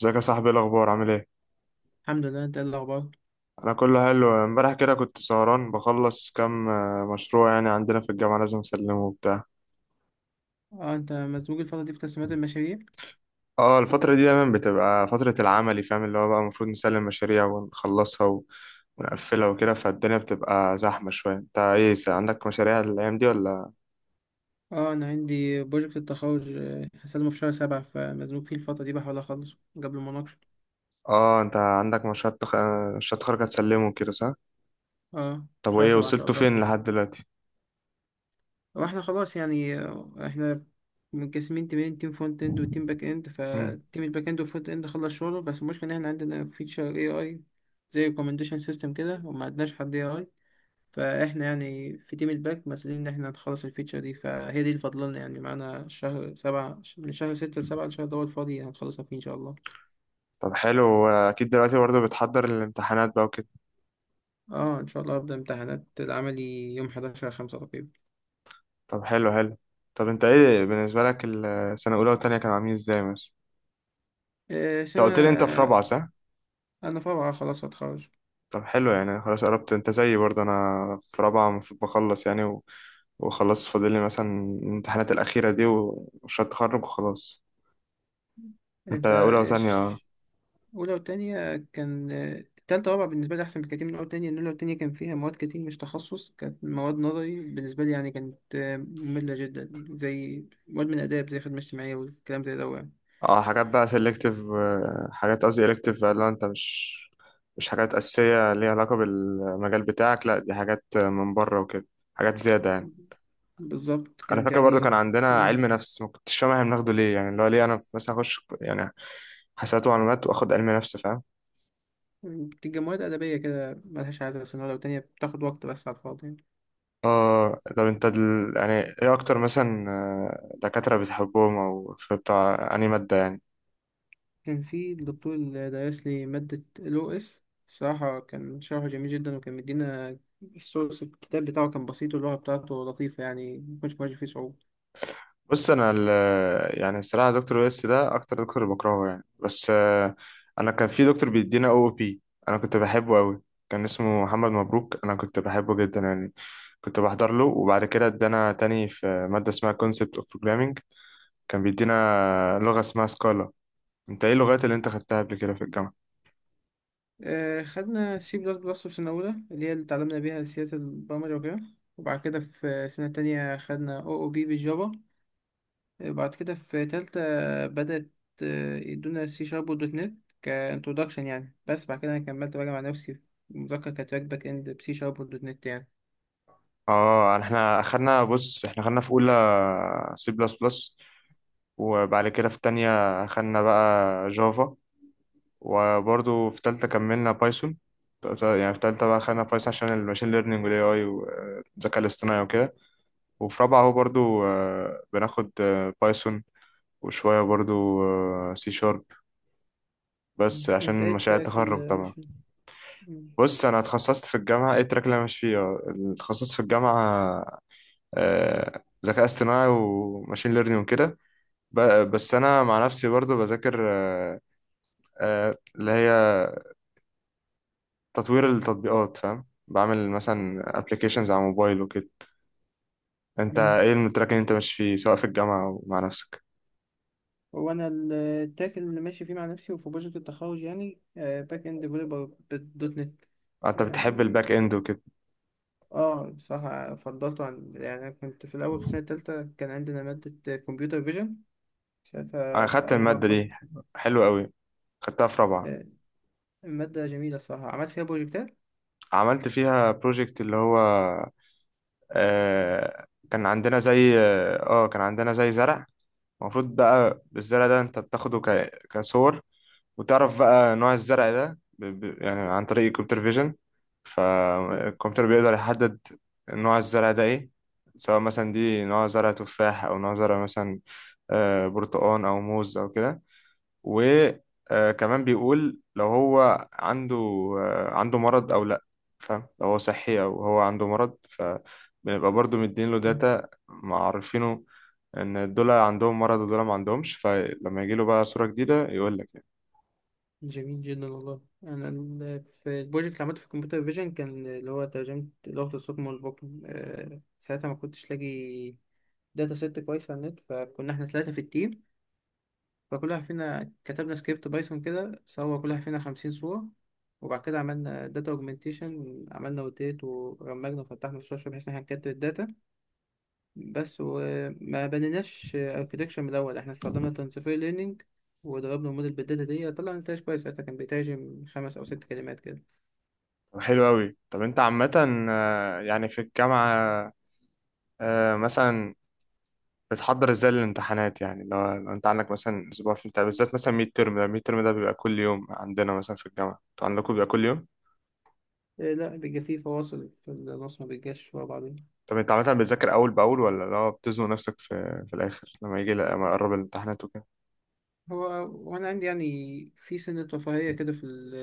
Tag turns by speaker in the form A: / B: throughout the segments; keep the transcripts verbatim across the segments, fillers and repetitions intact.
A: ازيك يا صاحبي؟ ايه الاخبار؟ عامل ايه؟
B: الحمد لله ده الأخبار.
A: انا كله حلو. امبارح كده كنت سهران بخلص كام آه، مشروع، يعني عندنا في الجامعه لازم اسلمه وبتاع.
B: اه انت مزنوق الفترة دي في تسليمات المشاريع.
A: اه الفتره دي دايما بتبقى فتره العملي، فاهم؟ اللي هو بقى المفروض نسلم مشاريع ونخلصها و- ونقفلها وكده، فالدنيا بتبقى زحمه شويه. انت ايه، س- عندك مشاريع الايام دي ولا؟
B: اه انا عندي بروجكت التخرج، آه، هسلمه في شهر سبعة، فمزنوق فيه الفترة دي، بحاول اخلصه قبل المناقشة.
A: اه انت عندك مشروع تخ... مشروع تخرج هتسلمه كده، صح؟
B: اه
A: طب
B: شهر
A: وايه،
B: سبعة ان شاء
A: وصلتوا
B: الله.
A: فين لحد دلوقتي؟
B: واحنا خلاص يعني آه، احنا متقسمين تيمين، تيم فرونت اند وتيم باك اند،
A: مم.
B: فتيم الباك اند والفرونت اند خلص شغله، بس المشكلة ان احنا عندنا فيتشر اي اي زي ريكومنديشن سيستم كده، وما عندناش حد اي اي. فاحنا يعني في تيم الباك مسؤولين ان احنا نخلص الفيتشر دي، فهي دي اللي فاضلنا يعني، معانا شهر سبعة، من شهر ستة لسبعة، الشهر ده هو الفاضي هنخلصها فيه ان شاء الله.
A: طب حلو، اكيد دلوقتي برضه بتحضر الامتحانات بقى وكده.
B: اه ان شاء الله هبدأ امتحانات العملي يوم حداشر خمسة تقريبا.
A: طب حلو حلو. طب انت ايه بالنسبة لك السنة الأولى والتانية كانوا عاملين ازاي مثلا؟
B: آه،
A: انت قلت لي انت في
B: سنة
A: رابعة، صح؟
B: انا في رابعة خلاص هتخرج.
A: طب حلو، يعني خلاص قربت، انت زيي برضه. انا في رابعة، المفروض بخلص يعني و... وخلاص فاضل لي مثلا الامتحانات الأخيرة دي ومشروع التخرج وخلاص. انت
B: انت
A: أولى وتانية،
B: ايش؟
A: اه.
B: اولى وتانية كان آه، تالتة ورابعة بالنسبة لي احسن بكتير من اولى وتانية، ان اولى وتانية كان فيها مواد كتير مش تخصص، كانت مواد نظري بالنسبة لي يعني، كانت آه، مملة جدا، زي مواد من اداب زي خدمة اجتماعية والكلام زي ده يعني.
A: اه حاجات بقى سيلكتيف، حاجات قصدي إلكتيف بقى، اللي هو انت مش مش حاجات أساسية ليها علاقة بالمجال بتاعك، لا دي حاجات من بره وكده، حاجات زيادة يعني.
B: بالظبط
A: انا
B: كانت
A: فاكر برضو
B: يعني
A: كان
B: في-
A: عندنا
B: من-
A: علم نفس، ما كنتش فاهم احنا بناخده ليه يعني، اللي هو ليه انا مثلا اخش يعني حسابات ومعلومات واخد علم نفس، فاهم؟
B: بتبقى مواد أدبية كده ملهاش عايزة في سنة ولا تانية، بتاخد وقت بس على الفاضي يعني.
A: اه طب انت دل... يعني ايه اكتر مثلا آه، دكاترة بتحبهم، او في بتاع انهي مادة يعني؟
B: كان في الدكتور اللي درس لي مادة ال أو إس، الصراحة كان شرحه جميل جدا، وكان مدينا السورس، الكتاب بتاعه كان بسيط، واللغة بتاعته لطيفة يعني مكنش بواجه فيه صعوبة.
A: بص انا ال... يعني الصراحة دكتور ويس ده اكتر دكتور بكرهه يعني، بس آه، انا كان في دكتور بيدينا او بي، انا كنت بحبه قوي. كان اسمه محمد مبروك، انا كنت بحبه جدا يعني. كنت بحضر له، وبعد كده ادانا تاني في مادة اسمها concept of programming. كان بيدينا لغة اسمها سكالا. انت ايه اللغات اللي انت خدتها قبل كده في الجامعة؟
B: آه خدنا سي بلس بلس في سنة أولى، اللي هي اللي اتعلمنا بيها سياسة البرمجة وكده، وبعد كده في سنة تانية خدنا أو أو بي بالجافا، بعد كده في تالتة بدأت آه، يدونا سي شارب ودوت نت كانترودكشن يعني، بس بعد كده أنا كملت بقى مع نفسي في المذاكرة، كانت راك باك إند بسي شارب ودوت نت يعني.
A: اه احنا اخدنا، بص احنا خدنا في اولى سي بلس بلس، وبعد كده في تانية خدنا بقى جافا، وبرضو في تالتة كملنا بايثون. يعني في تالتة بقى خدنا بايثون عشان الماشين ليرنينج والاي اي والذكاء الاصطناعي وكده. وفي رابعة هو برضو آه، بناخد آه، بايثون وشوية برضو سي شارب، بس
B: مم. أنت
A: عشان
B: إيه
A: مشاريع
B: التراك
A: التخرج
B: اللي
A: طبعا.
B: مش. مم.
A: بص انا اتخصصت في الجامعه، ايه التراك اللي انا ماشي فيه؟ آه، اتخصصت في الجامعه آه، ذكاء اصطناعي وماشين ليرنينج وكده. ب- بس انا مع نفسي برضو بذاكر آه، آه، اللي هي تطوير التطبيقات، فاهم؟ بعمل مثلا ابلكيشنز على موبايل وكده. انت
B: مم.
A: ايه التراك اللي انت ماشي فيه، سواء في الجامعه او مع نفسك؟
B: هو أنا ال- التراك اللي ماشي فيه مع نفسي وفي بروجكت التخرج يعني باك إند ديفلوبر بالدوت نت
A: آه، انت بتحب الباك
B: يعني.
A: اند وكده.
B: اه بصراحة فضلته عن يعني، أنا كنت في الأول في السنة التالتة كان عندنا مادة كمبيوتر فيجن،
A: انا
B: ساعتها
A: خدت
B: أول ما
A: الماده دي،
B: كنت.
A: حلوه قوي، خدتها في رابعه.
B: آه، المادة جميلة الصراحة، عملت فيها بروجكتات.
A: عملت فيها بروجكت، اللي هو آه، كان عندنا زي اه، آه، كان عندنا زي زرع. المفروض بقى بالزرع ده انت بتاخده ك... كصور، وتعرف بقى نوع الزرع ده ب... ب... يعني عن طريق الكمبيوتر فيجن.
B: م-
A: فالكمبيوتر بيقدر يحدد نوع الزرع ده ايه، سواء مثلا دي نوع زرع تفاح، او نوع زرع مثلا آه، برتقال او موز او كده. وكمان بيقول لو هو عنده آه، عنده مرض او لا، فاهم؟ لو هو صحي او هو عنده مرض. فبنبقى برضو مدين له
B: م.
A: داتا معرفينه ان دول عندهم مرض ودول ما عندهمش، فلما يجي له بقى صورة جديدة يقول لك يعني.
B: جميل جدا والله. أنا ال- في البروجكت اللي عملته في الكمبيوتر فيجن، كان اللي هو ترجمة لغة الصم والبكم، آه، ساعتها ما كنتش لاقي داتا سيت كويس على النت، فكنا احنا ثلاثة في التيم، فكل واحد فينا كتبنا سكريبت بايثون كده، صور كل واحد فينا خمسين صورة، وبعد كده عملنا داتا اوجمنتيشن، عملنا روتيت ورمجنا، وفتحنا السوشيال بحيث ان احنا نكتب الداتا بس، وما بنيناش اركتكشر من الاول، احنا استخدمنا ترانسفير ليرنينج، وضربنا الموديل بالداتا دي طلع نتائج كويس، ساعتها كان بيترجم خمس او ست كلمات كده.
A: طب حلو قوي. طب انت عامة آه، يعني في الجامعة آه، مثلا بتحضر ازاي للامتحانات؟ يعني لو لو انت عندك مثلا اسبوع في امتحان، بالذات مثلا ميد ترم. ده ميد ترم ده بيبقى كل يوم عندنا مثلا في الجامعة، انتوا عندكم بيبقى كل يوم؟
B: إيه لا، بيبقى فيه فواصل في النص، ما بيجاش ورا بعضين.
A: طب انت عامة بتذاكر اول باول، ولا لا بتزنق نفسك في في الاخر لما يجي، لما يقرب الامتحانات وكده؟
B: هو وانا عندي يعني، في سنة رفاهية كده في ال-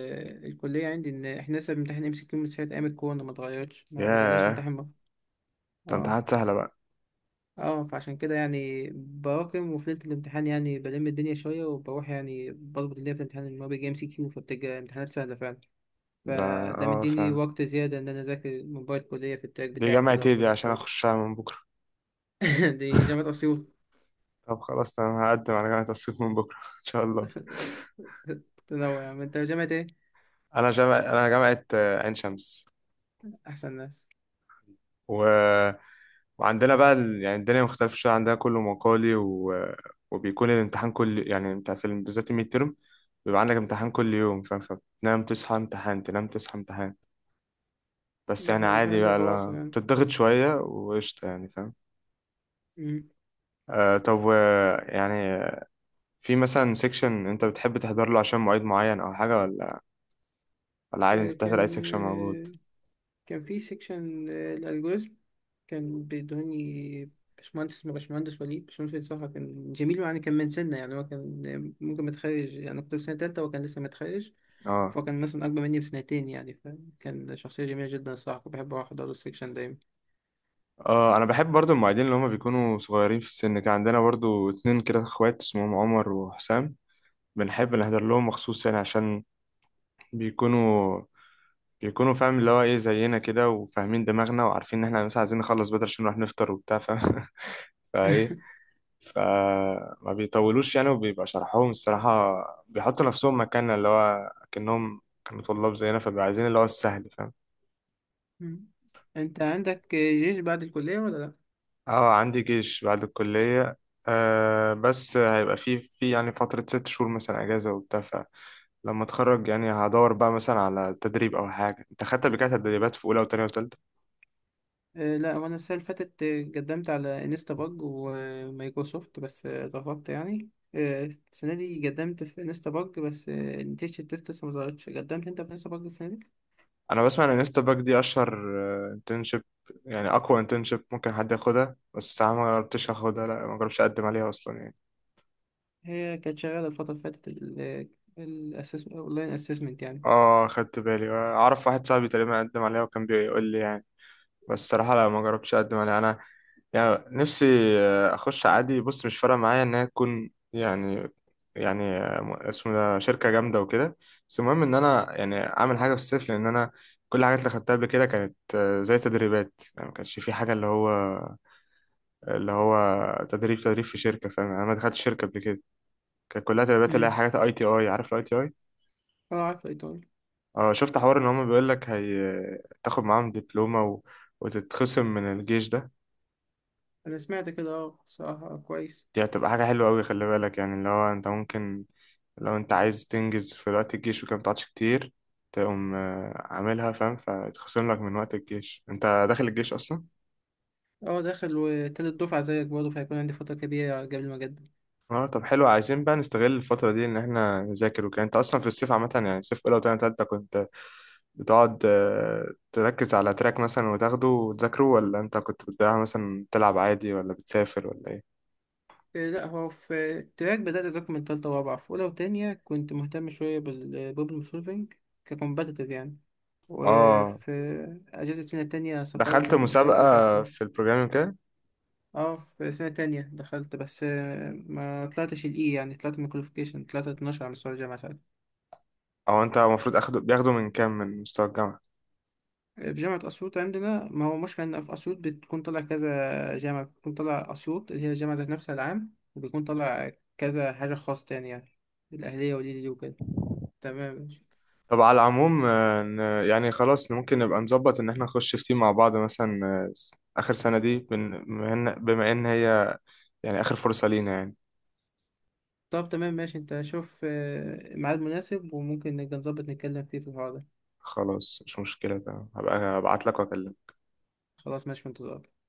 B: الكلية، عندي ان احنا لسه بنمتحن ام سي كيو، من ساعة ايام الكورونا ما اتغيرتش، ما رجعناش
A: ياه،
B: نمتحن مرة.
A: ده
B: اه
A: امتحانات سهلة بقى.
B: اه، فعشان كده يعني براكم، وفي ليلة الامتحان يعني بلم الدنيا شوية، وبروح يعني بظبط الدنيا في الامتحان، اللي هو بيجي ام سي كيو، فبتبقى امتحانات سهلة فعلا،
A: ده
B: فده
A: اه
B: مديني
A: فعلا.
B: وقت زيادة إن أنا أذاكر موبايل الكلية في التراك
A: دي
B: بتاعه
A: جامعة
B: كده
A: ايه دي عشان
B: وبروجكتات.
A: اخشها من بكرة؟
B: دي جامعة أسيوط.
A: طب خلاص تمام، هقدم على جامعة اسيوط من بكرة ان شاء الله.
B: تنوع يعني، أنت جامعة إيه؟
A: انا جامعة انا جامعة آه، عين شمس.
B: أحسن ناس.
A: و... وعندنا بقى ال... يعني الدنيا مختلفة شوية عندنا، كله مقالي و... وبيكون الامتحان كل، يعني انت في ال- بالذات الميد ترم بيبقى عندك امتحان كل يوم، فاهم؟ فبتنام تصحى امتحان، تنام تصحى امتحان. بس
B: ده
A: يعني
B: إحنا بيكون
A: عادي
B: عندنا
A: بقى،
B: فواصل
A: لا
B: يعني.
A: بتضغط شوية وقشطة يعني، فاهم؟
B: مم.
A: آه طب و- يعني في مثلا سيكشن انت بتحب تحضر له عشان مواعيد معين او حاجة، ولا ولا عادي
B: إيه،
A: انت بتحضر اي
B: كان
A: سيكشن موجود؟
B: كان في سيكشن الالجوريزم، كان بيدوني باشمهندس اسمه باشمهندس وليد باشمهندس وليد، صراحة كان جميل، يعني كان من سنة، يعني هو كان ممكن متخرج يعني، كنت في سنة تالتة وهو كان لسه متخرج،
A: اه
B: فهو كان مثلا أكبر مني بسنتين يعني، فكان شخصية جميلة جدا الصراحة، كنت بحب أروح أحضر له السيكشن دايما.
A: اه انا بحب برضو المعيدين اللي هما بيكونوا صغيرين في السن. كان عندنا برضو اتنين كده اخوات اسمهم عمر وحسام، بنحب نحضر لهم مخصوص يعني، عشان بيكونوا بيكونوا فاهم اللي هو ايه، زينا كده، وفاهمين دماغنا، وعارفين ان احنا مثلا عايزين نخلص بدري عشان نروح نفطر وبتاع، فاهم؟ فايه، فما بيطولوش يعني، وبيبقى شرحهم الصراحة بيحطوا نفسهم مكاننا، اللي هو كأنهم كانوا طلاب زينا، فبيبقوا عايزين اللي هو السهل، فاهم؟
B: أنت عندك جيش بعد الكلية ولا لأ؟
A: اه عندي جيش بعد الكلية. آه بس هيبقى في في يعني فترة ست شهور مثلا أجازة وبتاع. فلما أتخرج يعني هدور بقى مثلا على تدريب أو حاجة. أنت خدت قبل كده تدريبات في أولى وتانية وتالتة؟
B: آه، لا، وانا السنه اللي فاتت آه، قدمت على انستا باج ومايكروسوفت، بس آه، رفضت يعني، آه، السنه دي قدمت في انستا باج، بس آه، نتيجه التيست لسه ما ظهرتش. قدمت انت في انستا باج السنه دي؟
A: أنا بسمع إن انستا باك دي أشهر انترنشيب، يعني أقوى انترنشيب ممكن حد ياخدها، بس أنا ما جربتش أخدها. لا ما جربتش أقدم عليها أصلا يعني.
B: هي كانت شغاله الفتره اللي فاتت، الاسسمنت اونلاين اسسمنت يعني.
A: اه خدت بالي، اعرف واحد صاحبي تقريبا قدم عليها وكان بيقول لي يعني. بس الصراحه لا، ما جربتش اقدم عليها انا. يعني نفسي آه، اخش عادي. بص مش فارقه معايا ان هي تكون يعني، يعني آه، م- اسمه ده شركه جامده وكده، بس المهم ان انا يعني اعمل حاجه في الصيف، لان انا كل الحاجات اللي خدتها قبل كده كانت آه، زي تدريبات يعني، ما كانش في حاجه اللي هو اللي هو تدريب تدريب في شركه، فاهم يعني؟ انا ما دخلتش شركه قبل كده، كانت كلها تدريبات، اللي هي
B: امم.
A: حاجات اي تي اي. عارف الاي تي اي؟
B: اه عارف الايطالي.
A: اه شفت حوار ان هما بيقول لك هي تاخد معاهم دبلومة و... وتتخصم من الجيش ده.
B: انا سمعت كده، اه صراحه كويس.
A: دي هتبقى حاجة حلوة قوي، خلي بالك يعني، اللي هو انت ممكن لو انت عايز تنجز في وقت الجيش وكده متقعدش كتير، تقوم آه، عاملها، فاهم؟ فيتخصم لك من وقت الجيش، انت داخل الجيش اصلا.
B: اه داخل، وتالت دفعه زيك برضه، فهيكون عندي فتره كبيره قبل ما اقدم.
A: اه طب حلو، عايزين بقى نستغل الفترة دي ان احنا نذاكر وكده. انت اصلا في الصيف عامة يعني صيف اولى وتانية تالتة كنت بتقعد آه، تركز على تراك مثلا وتاخده وتذاكره، ولا انت كنت بتضيعها مثلا تلعب عادي، ولا بتسافر، ولا ايه؟
B: إيه لا، هو في التراك بدأت أذاكر من تالتة ورابعة، في أولى وتانية كنت مهتم شوية بالبروبلم سولفينج ككومبتيتيف يعني،
A: اه
B: وفي أجازة سنة تانية سافرت
A: دخلت مسابقة
B: مسابقة بتاع
A: في
B: سكرين.
A: البروجرامينج كده.
B: اه في سنة تانية دخلت، بس آه، ما طلعتش الإي يعني، طلعت من الكواليفيكيشن، طلعت اتناشر على مستوى الجامعة ساعتها.
A: أو أنت المفروض أخده، بياخدوا من كام من مستوى الجامعة؟
B: في جامعة أسيوط عندنا ما هو مشكلة، إن في أسيوط بتكون طالع كذا جامعة، بتكون طالع أسيوط اللي هي الجامعة ذات نفسها العام، وبيكون طالع كذا حاجة خاصة تاني يعني، الأهلية والليلي وكده، تمام.
A: طب على العموم آه، ن- يعني خلاص ممكن نبقى نظبط إن احنا نخش في تيم مع بعض مثلا، آه، س- آخر سنة دي، بن- بما إن بما إن هي يعني آخر فرصة لينا يعني.
B: طب تمام ماشي، انت شوف آه، ميعاد مناسب، وممكن نبقى نظبط نتكلم فيه في الحوار ده.
A: خلاص مش مشكلة، تمام، هبقى أبعت لك وأكلمك.
B: خلاص ماشي، في انتظارك.